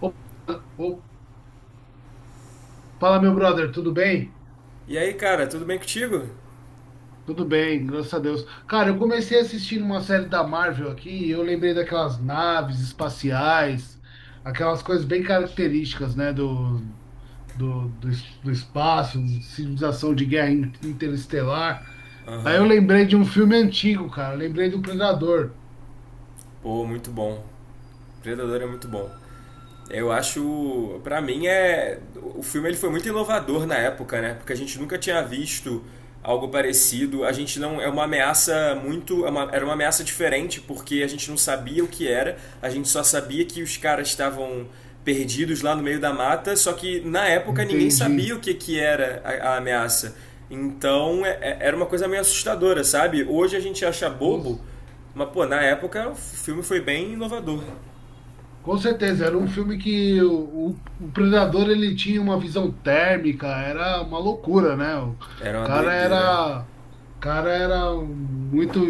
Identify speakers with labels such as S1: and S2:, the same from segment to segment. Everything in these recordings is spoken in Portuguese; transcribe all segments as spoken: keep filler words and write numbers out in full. S1: Ô, ô, fala, meu brother, tudo bem?
S2: E aí, cara, tudo bem contigo?
S1: Tudo bem, graças a Deus. Cara, eu comecei assistindo uma série da Marvel aqui e eu lembrei daquelas naves espaciais, aquelas coisas bem características, né, do, do, do, es- do espaço, civilização de guerra in- interestelar. Aí eu
S2: Aham.
S1: lembrei de um filme antigo, cara, eu lembrei do Predador,
S2: Pô, muito bom. Predador é muito bom. Eu acho, pra mim é, o filme ele foi muito inovador na época, né? Porque a gente nunca tinha visto algo parecido. A gente não é uma ameaça muito, é uma- era uma ameaça diferente porque a gente não sabia o que era. A gente só sabia que os caras estavam perdidos lá no meio da mata, só que na época ninguém
S1: entendi.
S2: sabia o que que era a, a ameaça. Então é- é- era uma coisa meio assustadora, sabe? Hoje a gente acha bobo, mas pô, na época o filme foi bem inovador.
S1: Com certeza, era um filme que o, o- o Predador ele tinha uma visão térmica, era uma loucura, né? O
S2: Era uma
S1: cara
S2: doideira.
S1: era, o cara era muito.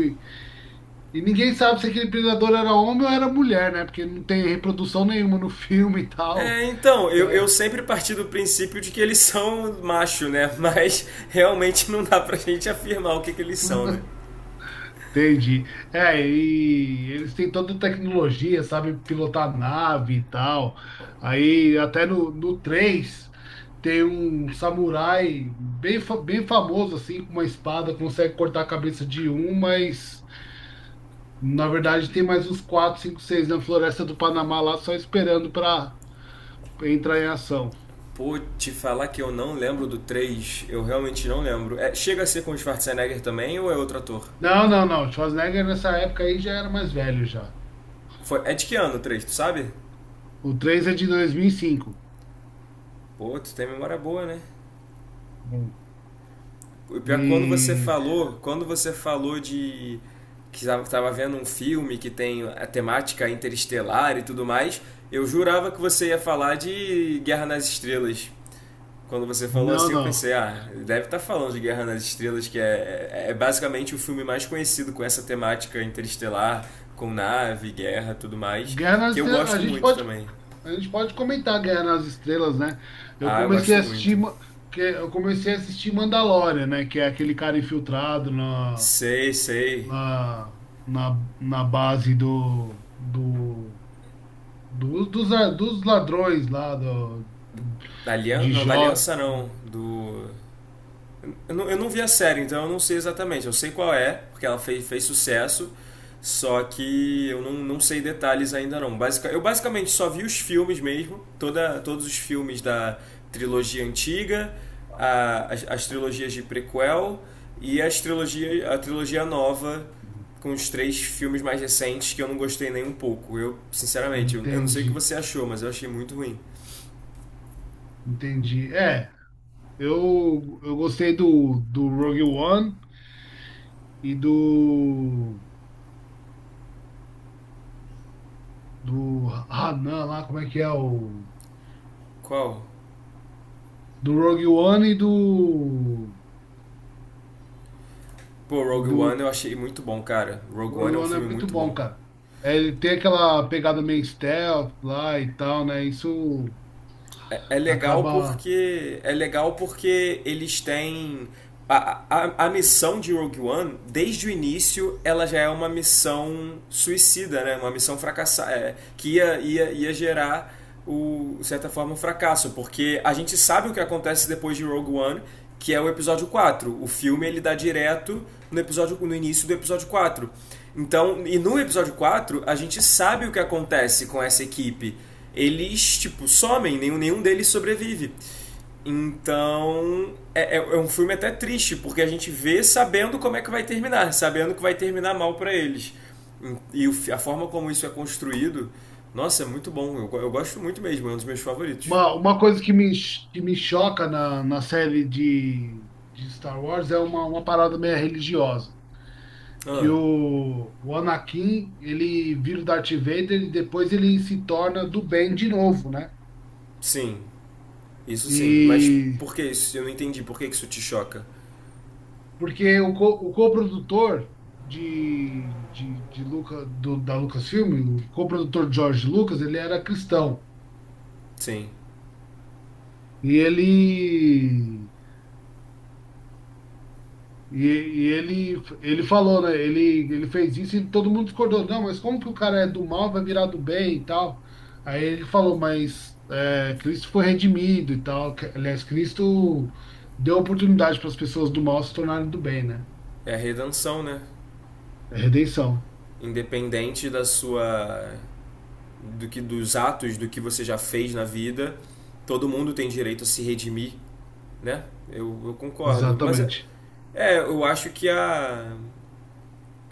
S1: E ninguém sabe se aquele Predador era homem ou era mulher, né? Porque não tem reprodução nenhuma no filme e tal.
S2: É, então,
S1: Então,
S2: eu, eu sempre parti do princípio de que eles são macho, né? Mas realmente não dá pra gente afirmar o que, que eles são, né?
S1: entendi. É, e eles têm toda a tecnologia, sabe, pilotar nave e tal. Aí até no, no três tem um samurai bem, fa- bem famoso, assim, com uma espada, consegue cortar a cabeça de um, mas na verdade tem mais uns quatro, cinco, seis na floresta do Panamá lá só esperando para entrar em ação.
S2: Pô, te falar que eu não lembro do três, eu realmente não lembro. É, chega a ser com o Schwarzenegger também ou é outro ator?
S1: Não, não, não. Schwarzenegger nessa época aí já era mais velho já.
S2: Foi, é de que ano o três? Tu sabe?
S1: O três é de dois mil e cinco.
S2: Pô, tu tem memória boa, né?
S1: Hum.
S2: O pior é que quando você
S1: E.
S2: falou, quando você falou de que estava vendo um filme que tem a temática interestelar e tudo mais, eu jurava que você ia falar de Guerra nas Estrelas. Quando você falou
S1: Não,
S2: assim, eu
S1: não.
S2: pensei, ah, deve estar falando de Guerra nas Estrelas, que é, é, é basicamente o filme mais conhecido com essa temática interestelar, com nave, guerra, tudo mais,
S1: Guerra nas
S2: que eu
S1: Estrelas, a
S2: gosto
S1: gente
S2: muito
S1: pode,
S2: também.
S1: a gente pode comentar Guerra nas Estrelas, né? Eu
S2: Ah, eu
S1: comecei
S2: gosto
S1: a
S2: muito.
S1: assistir, Ma- que eu comecei a assistir Mandalorian, né? Que é aquele cara infiltrado na,
S2: Sei, sei.
S1: na, na, na base do, do, do- dos, a- dos ladrões lá do,
S2: Da aliança,
S1: de
S2: não, da
S1: Jó.
S2: aliança não, do. Eu não, eu não vi a série, então eu não sei exatamente. Eu sei qual é, porque ela fez, fez sucesso, só que eu não, não sei detalhes ainda não. Basica, eu basicamente só vi os filmes mesmo, toda, todos os filmes da trilogia antiga, a- as, as trilogias de prequel e as trilogia, a trilogia nova com os três filmes mais recentes que eu não gostei nem um pouco. Eu, sinceramente, eu, eu não sei o que
S1: Entendi,
S2: você achou, mas eu achei muito ruim.
S1: entendi. É, eu, eu gostei do, do Rogue One e do, do Hanan lá, como é que é o.
S2: Qual?
S1: Do Rogue One e do.
S2: Pô, Rogue
S1: Do
S2: One eu achei muito bom, cara. Rogue One
S1: Rogue
S2: é um
S1: One é
S2: filme
S1: muito
S2: muito
S1: bom,
S2: bom.
S1: cara. É, ele tem aquela pegada meio stealth lá e tal, né? Isso
S2: É, é legal
S1: acaba.
S2: porque é legal porque eles têm a, a, a missão de Rogue One desde o início ela já é uma missão suicida, né? Uma missão fracassada é, que ia, ia, ia gerar o, de certa forma um fracasso, porque a gente sabe o que acontece depois de Rogue One, que é o episódio quatro. O filme ele dá direto no episódio, no início do episódio quatro. Então, e no episódio quatro a gente sabe o que acontece com essa equipe, eles, tipo, somem, nenhum, nenhum deles sobrevive. Então, é, é- é um filme até triste, porque a gente vê sabendo como é que vai terminar, sabendo que vai terminar mal pra eles. E o, a forma como isso é construído, nossa, é muito bom. Eu, eu gosto muito mesmo, é um dos meus favoritos.
S1: Uma, uma coisa que me, que me choca na, na série de, de Star Wars é uma, uma parada meio religiosa. Que
S2: Ah,
S1: o, o Anakin, ele vira o Darth Vader e depois ele se torna do bem de novo, né?
S2: sim, isso sim. Mas
S1: E
S2: por que isso? Eu não entendi. Por que que isso te choca?
S1: Porque o, co, o coprodutor de, de, de Luca, do, da Lucasfilm, o coprodutor George Lucas, ele era cristão.
S2: Sim.
S1: E ele. E, e ele, ele falou, né? Ele, ele fez isso e todo mundo discordou. Não, mas como que o cara é do mal, vai virar do bem e tal? Aí ele falou, mas é, Cristo foi redimido e tal. Que- Aliás, Cristo deu oportunidade para as pessoas do mal se tornarem do bem, né?
S2: É a redenção, né?
S1: É redenção,
S2: Independente da sua, do que, dos atos do que você já fez na vida. Todo mundo tem direito a se redimir, né? Eu, eu concordo. Mas é,
S1: exatamente.
S2: é, eu acho que a,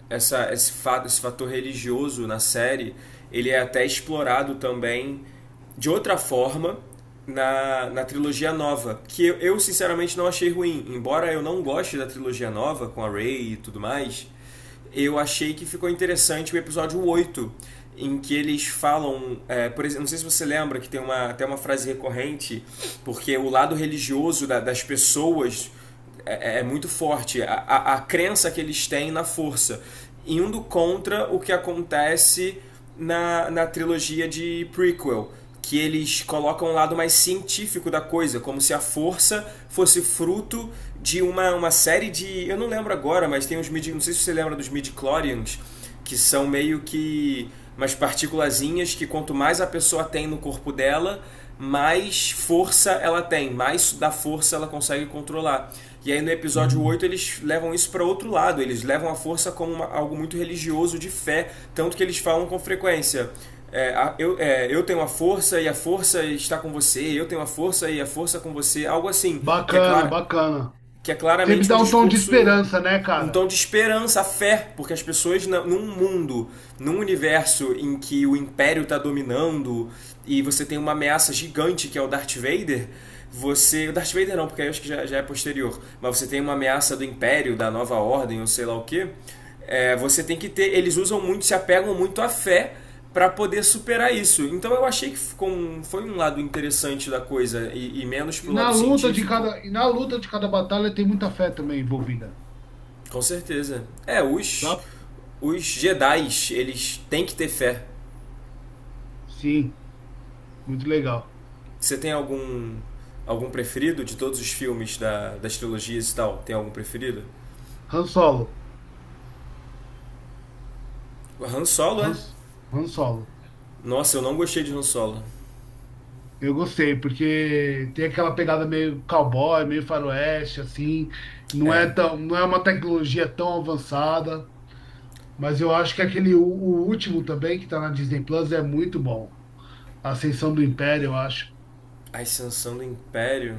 S2: essa, esse, fato, esse fator religioso na série ele é até explorado também de outra forma na, na trilogia nova, que eu, eu sinceramente não achei ruim. Embora eu não goste da trilogia nova com a Rey e tudo mais, eu achei que ficou interessante o episódio oito em que eles falam, é, por exemplo, não sei se você lembra que tem uma, até uma frase recorrente, porque o lado religioso da- das pessoas é, é é muito forte, a, a, a crença que eles têm na força, indo contra o que acontece na, na trilogia de prequel, que eles colocam um lado mais científico da coisa, como se a força fosse fruto de uma, uma série de. Eu não lembro agora, mas tem uns mid. Não sei se você lembra dos midi-chlorians, que são meio que umas partículazinhas que quanto mais a pessoa tem no corpo dela, mais força ela tem, mais da força ela consegue controlar. E aí no episódio oito eles levam isso para outro lado, eles levam a força como uma- algo muito religioso de fé, tanto que eles falam com frequência. é, eu, é, eu tenho a força e a força está com você, eu tenho a força e a força com você, algo assim, que é
S1: Bacana,
S2: claro,
S1: bacana.
S2: que é
S1: Sempre
S2: claramente um
S1: dá um tom de
S2: discurso,
S1: esperança, né,
S2: um tom
S1: cara?
S2: de esperança, fé, porque as pessoas num mundo, num universo em que o império está dominando e você tem uma ameaça gigante que é o Darth Vader, você, o Darth Vader não, porque eu acho que já, já é posterior, mas você tem uma ameaça do império, da nova ordem, ou sei lá o que, é, você tem que ter, eles usam muito, se apegam muito à fé para poder superar isso. Então eu achei que ficou um- foi um lado interessante da coisa e, e menos
S1: E
S2: pro
S1: na
S2: lado
S1: luta de
S2: científico.
S1: cada, e na luta de cada batalha tem muita fé também envolvida.
S2: Com certeza. É, os,
S1: Tá?
S2: os Jedi's eles têm que ter fé.
S1: Sim, muito legal.
S2: Você tem algum, algum preferido de todos os filmes da, das trilogias e tal? Tem algum preferido?
S1: Han Solo,
S2: O Han Solo,
S1: Han,
S2: é?
S1: Han Solo.
S2: Nossa, eu não gostei de Han Solo.
S1: Eu gostei, porque tem aquela pegada meio cowboy, meio faroeste, assim. Não é
S2: É.
S1: tão, não é uma tecnologia tão avançada, mas eu acho que aquele, o, o último também, que tá na Disney Plus, é muito bom. A Ascensão do Império, eu acho.
S2: A Ascensão do Império?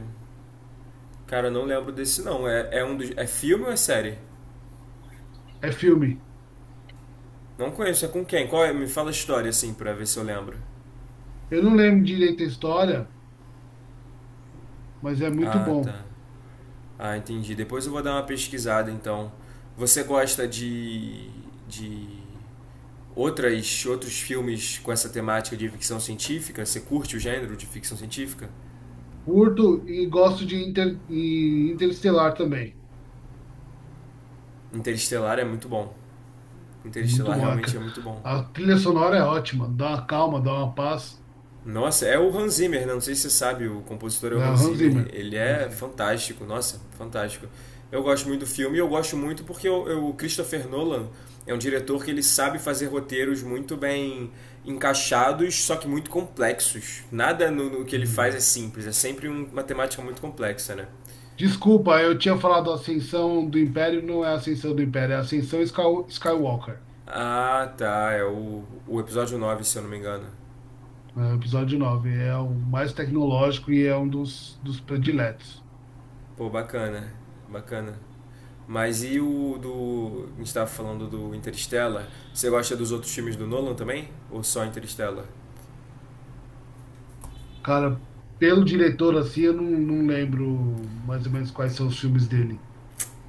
S2: Cara, eu não lembro desse não. É, é um dos, é filme ou é série?
S1: É filme.
S2: Não conheço. É com quem? Qual é? Me fala a história assim pra ver se eu lembro.
S1: Eu não lembro direito a história, mas é muito
S2: Ah,
S1: bom.
S2: tá. Ah, entendi. Depois eu vou dar uma pesquisada então. Você gosta de de outras, outros filmes com essa temática de ficção científica? Você curte o gênero de ficção científica?
S1: Curto e gosto de Inter, e Interestelar também.
S2: Interestelar é muito bom.
S1: Muito
S2: Interestelar
S1: bom. A,
S2: realmente
S1: ca-
S2: é muito bom.
S1: a trilha sonora é ótima, dá uma calma, dá uma paz.
S2: Nossa, é o Hans Zimmer, né? Não sei se você sabe, o compositor é o
S1: É o
S2: Hans
S1: Hans
S2: Zimmer.
S1: Zimmer.
S2: Ele
S1: Hans
S2: é
S1: Zimmer.
S2: fantástico, nossa, fantástico. Eu gosto muito do filme e eu gosto muito porque eu, eu- o Christopher Nolan é um diretor que ele sabe fazer roteiros muito bem encaixados, só que muito complexos. Nada no, no que ele faz é
S1: Uhum.
S2: simples, é sempre um- uma temática muito complexa, né?
S1: Desculpa, eu tinha falado Ascensão do Império, não é Ascensão do Império, é Ascensão Sky- Skywalker.
S2: Ah, tá. É o, o episódio nove, se eu não me engano.
S1: É o episódio nove. É o mais tecnológico e é um dos, dos prediletos.
S2: Pô, bacana. Bacana. Mas e o do. A gente tava falando do Interstellar. Você gosta dos outros filmes do Nolan também? Ou só Interstellar?
S1: Cara, pelo diretor assim, eu não, não lembro mais ou menos quais são os filmes dele.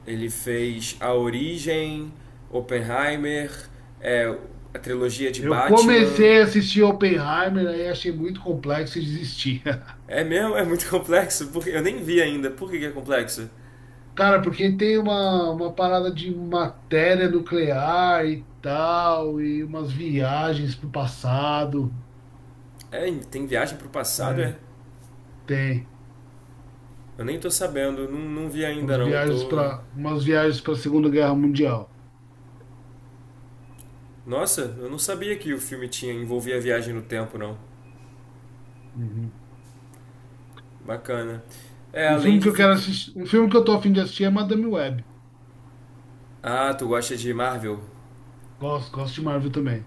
S2: Ele fez A Origem, Oppenheimer, é, a trilogia de
S1: Eu
S2: Batman.
S1: comecei a assistir Oppenheimer, aí achei muito complexo e desisti.
S2: É mesmo? É muito complexo? Porque eu nem vi ainda. Por que que é complexo?
S1: Cara, porque tem uma, uma parada de matéria nuclear e tal, e umas viagens pro passado.
S2: É, tem viagem pro passado,
S1: É,
S2: é?
S1: tem
S2: Eu nem tô sabendo. Não, não vi ainda
S1: umas
S2: não.
S1: viagens
S2: Tô.
S1: para umas viagens para a Segunda Guerra Mundial.
S2: Nossa, eu não sabia que o filme tinha envolvia viagem no tempo, não.
S1: Uhum.
S2: Bacana. É,
S1: Um
S2: além
S1: filme que
S2: de
S1: eu
S2: fic...
S1: quero assistir, um filme que eu tô a fim de assistir é Madame Web.
S2: Ah, tu gosta de Marvel?
S1: Gosto, gosto de Marvel também.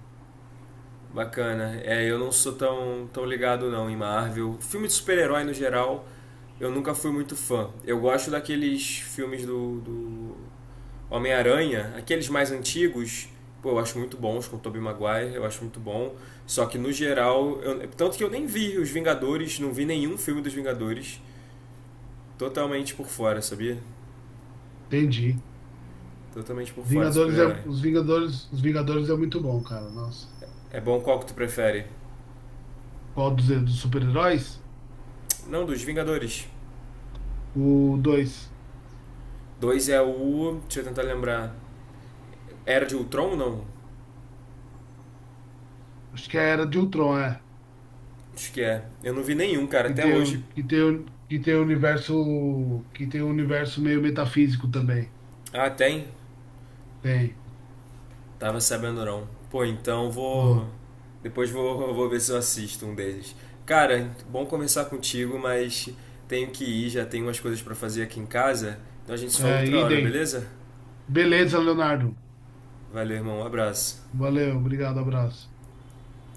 S2: Bacana. É, eu não sou tão, tão ligado não em Marvel. Filme de super-herói no geral, eu nunca fui muito fã. Eu gosto daqueles filmes do, do Homem-Aranha, aqueles mais antigos. Pô, eu acho muito bons, com o Tobey Maguire, eu acho muito bom. Só que no geral, eu- tanto que eu nem vi os Vingadores, não vi nenhum filme dos Vingadores. Totalmente por fora, sabia?
S1: Entendi.
S2: Totalmente por fora de
S1: Vingadores é,
S2: super-herói.
S1: os Vingadores, os Vingadores é muito bom, cara. Nossa.
S2: É bom, qual que tu prefere?
S1: Qual dos, dos super-heróis?
S2: Não, dos Vingadores.
S1: O dois.
S2: Dois é o. Deixa eu tentar lembrar. Era de Ultron, não?
S1: Acho que era de Ultron, é.
S2: Acho que é. Eu não vi nenhum, cara,
S1: Que
S2: até
S1: tem,
S2: hoje.
S1: o- que tem, o- que tem o universo. Que tem o universo meio metafísico também.
S2: Ah, tem?
S1: Tem.
S2: Tava sabendo não. Pô, então vou.
S1: Uhum.
S2: Depois vou, vou ver se eu assisto um deles. Cara, bom conversar contigo, mas tenho que ir, já tenho umas coisas pra fazer aqui em casa. Então a gente se fala
S1: É,
S2: outra hora,
S1: idem.
S2: beleza?
S1: Beleza, Leonardo.
S2: Valeu, irmão, um abraço.
S1: Valeu, obrigado, abraço.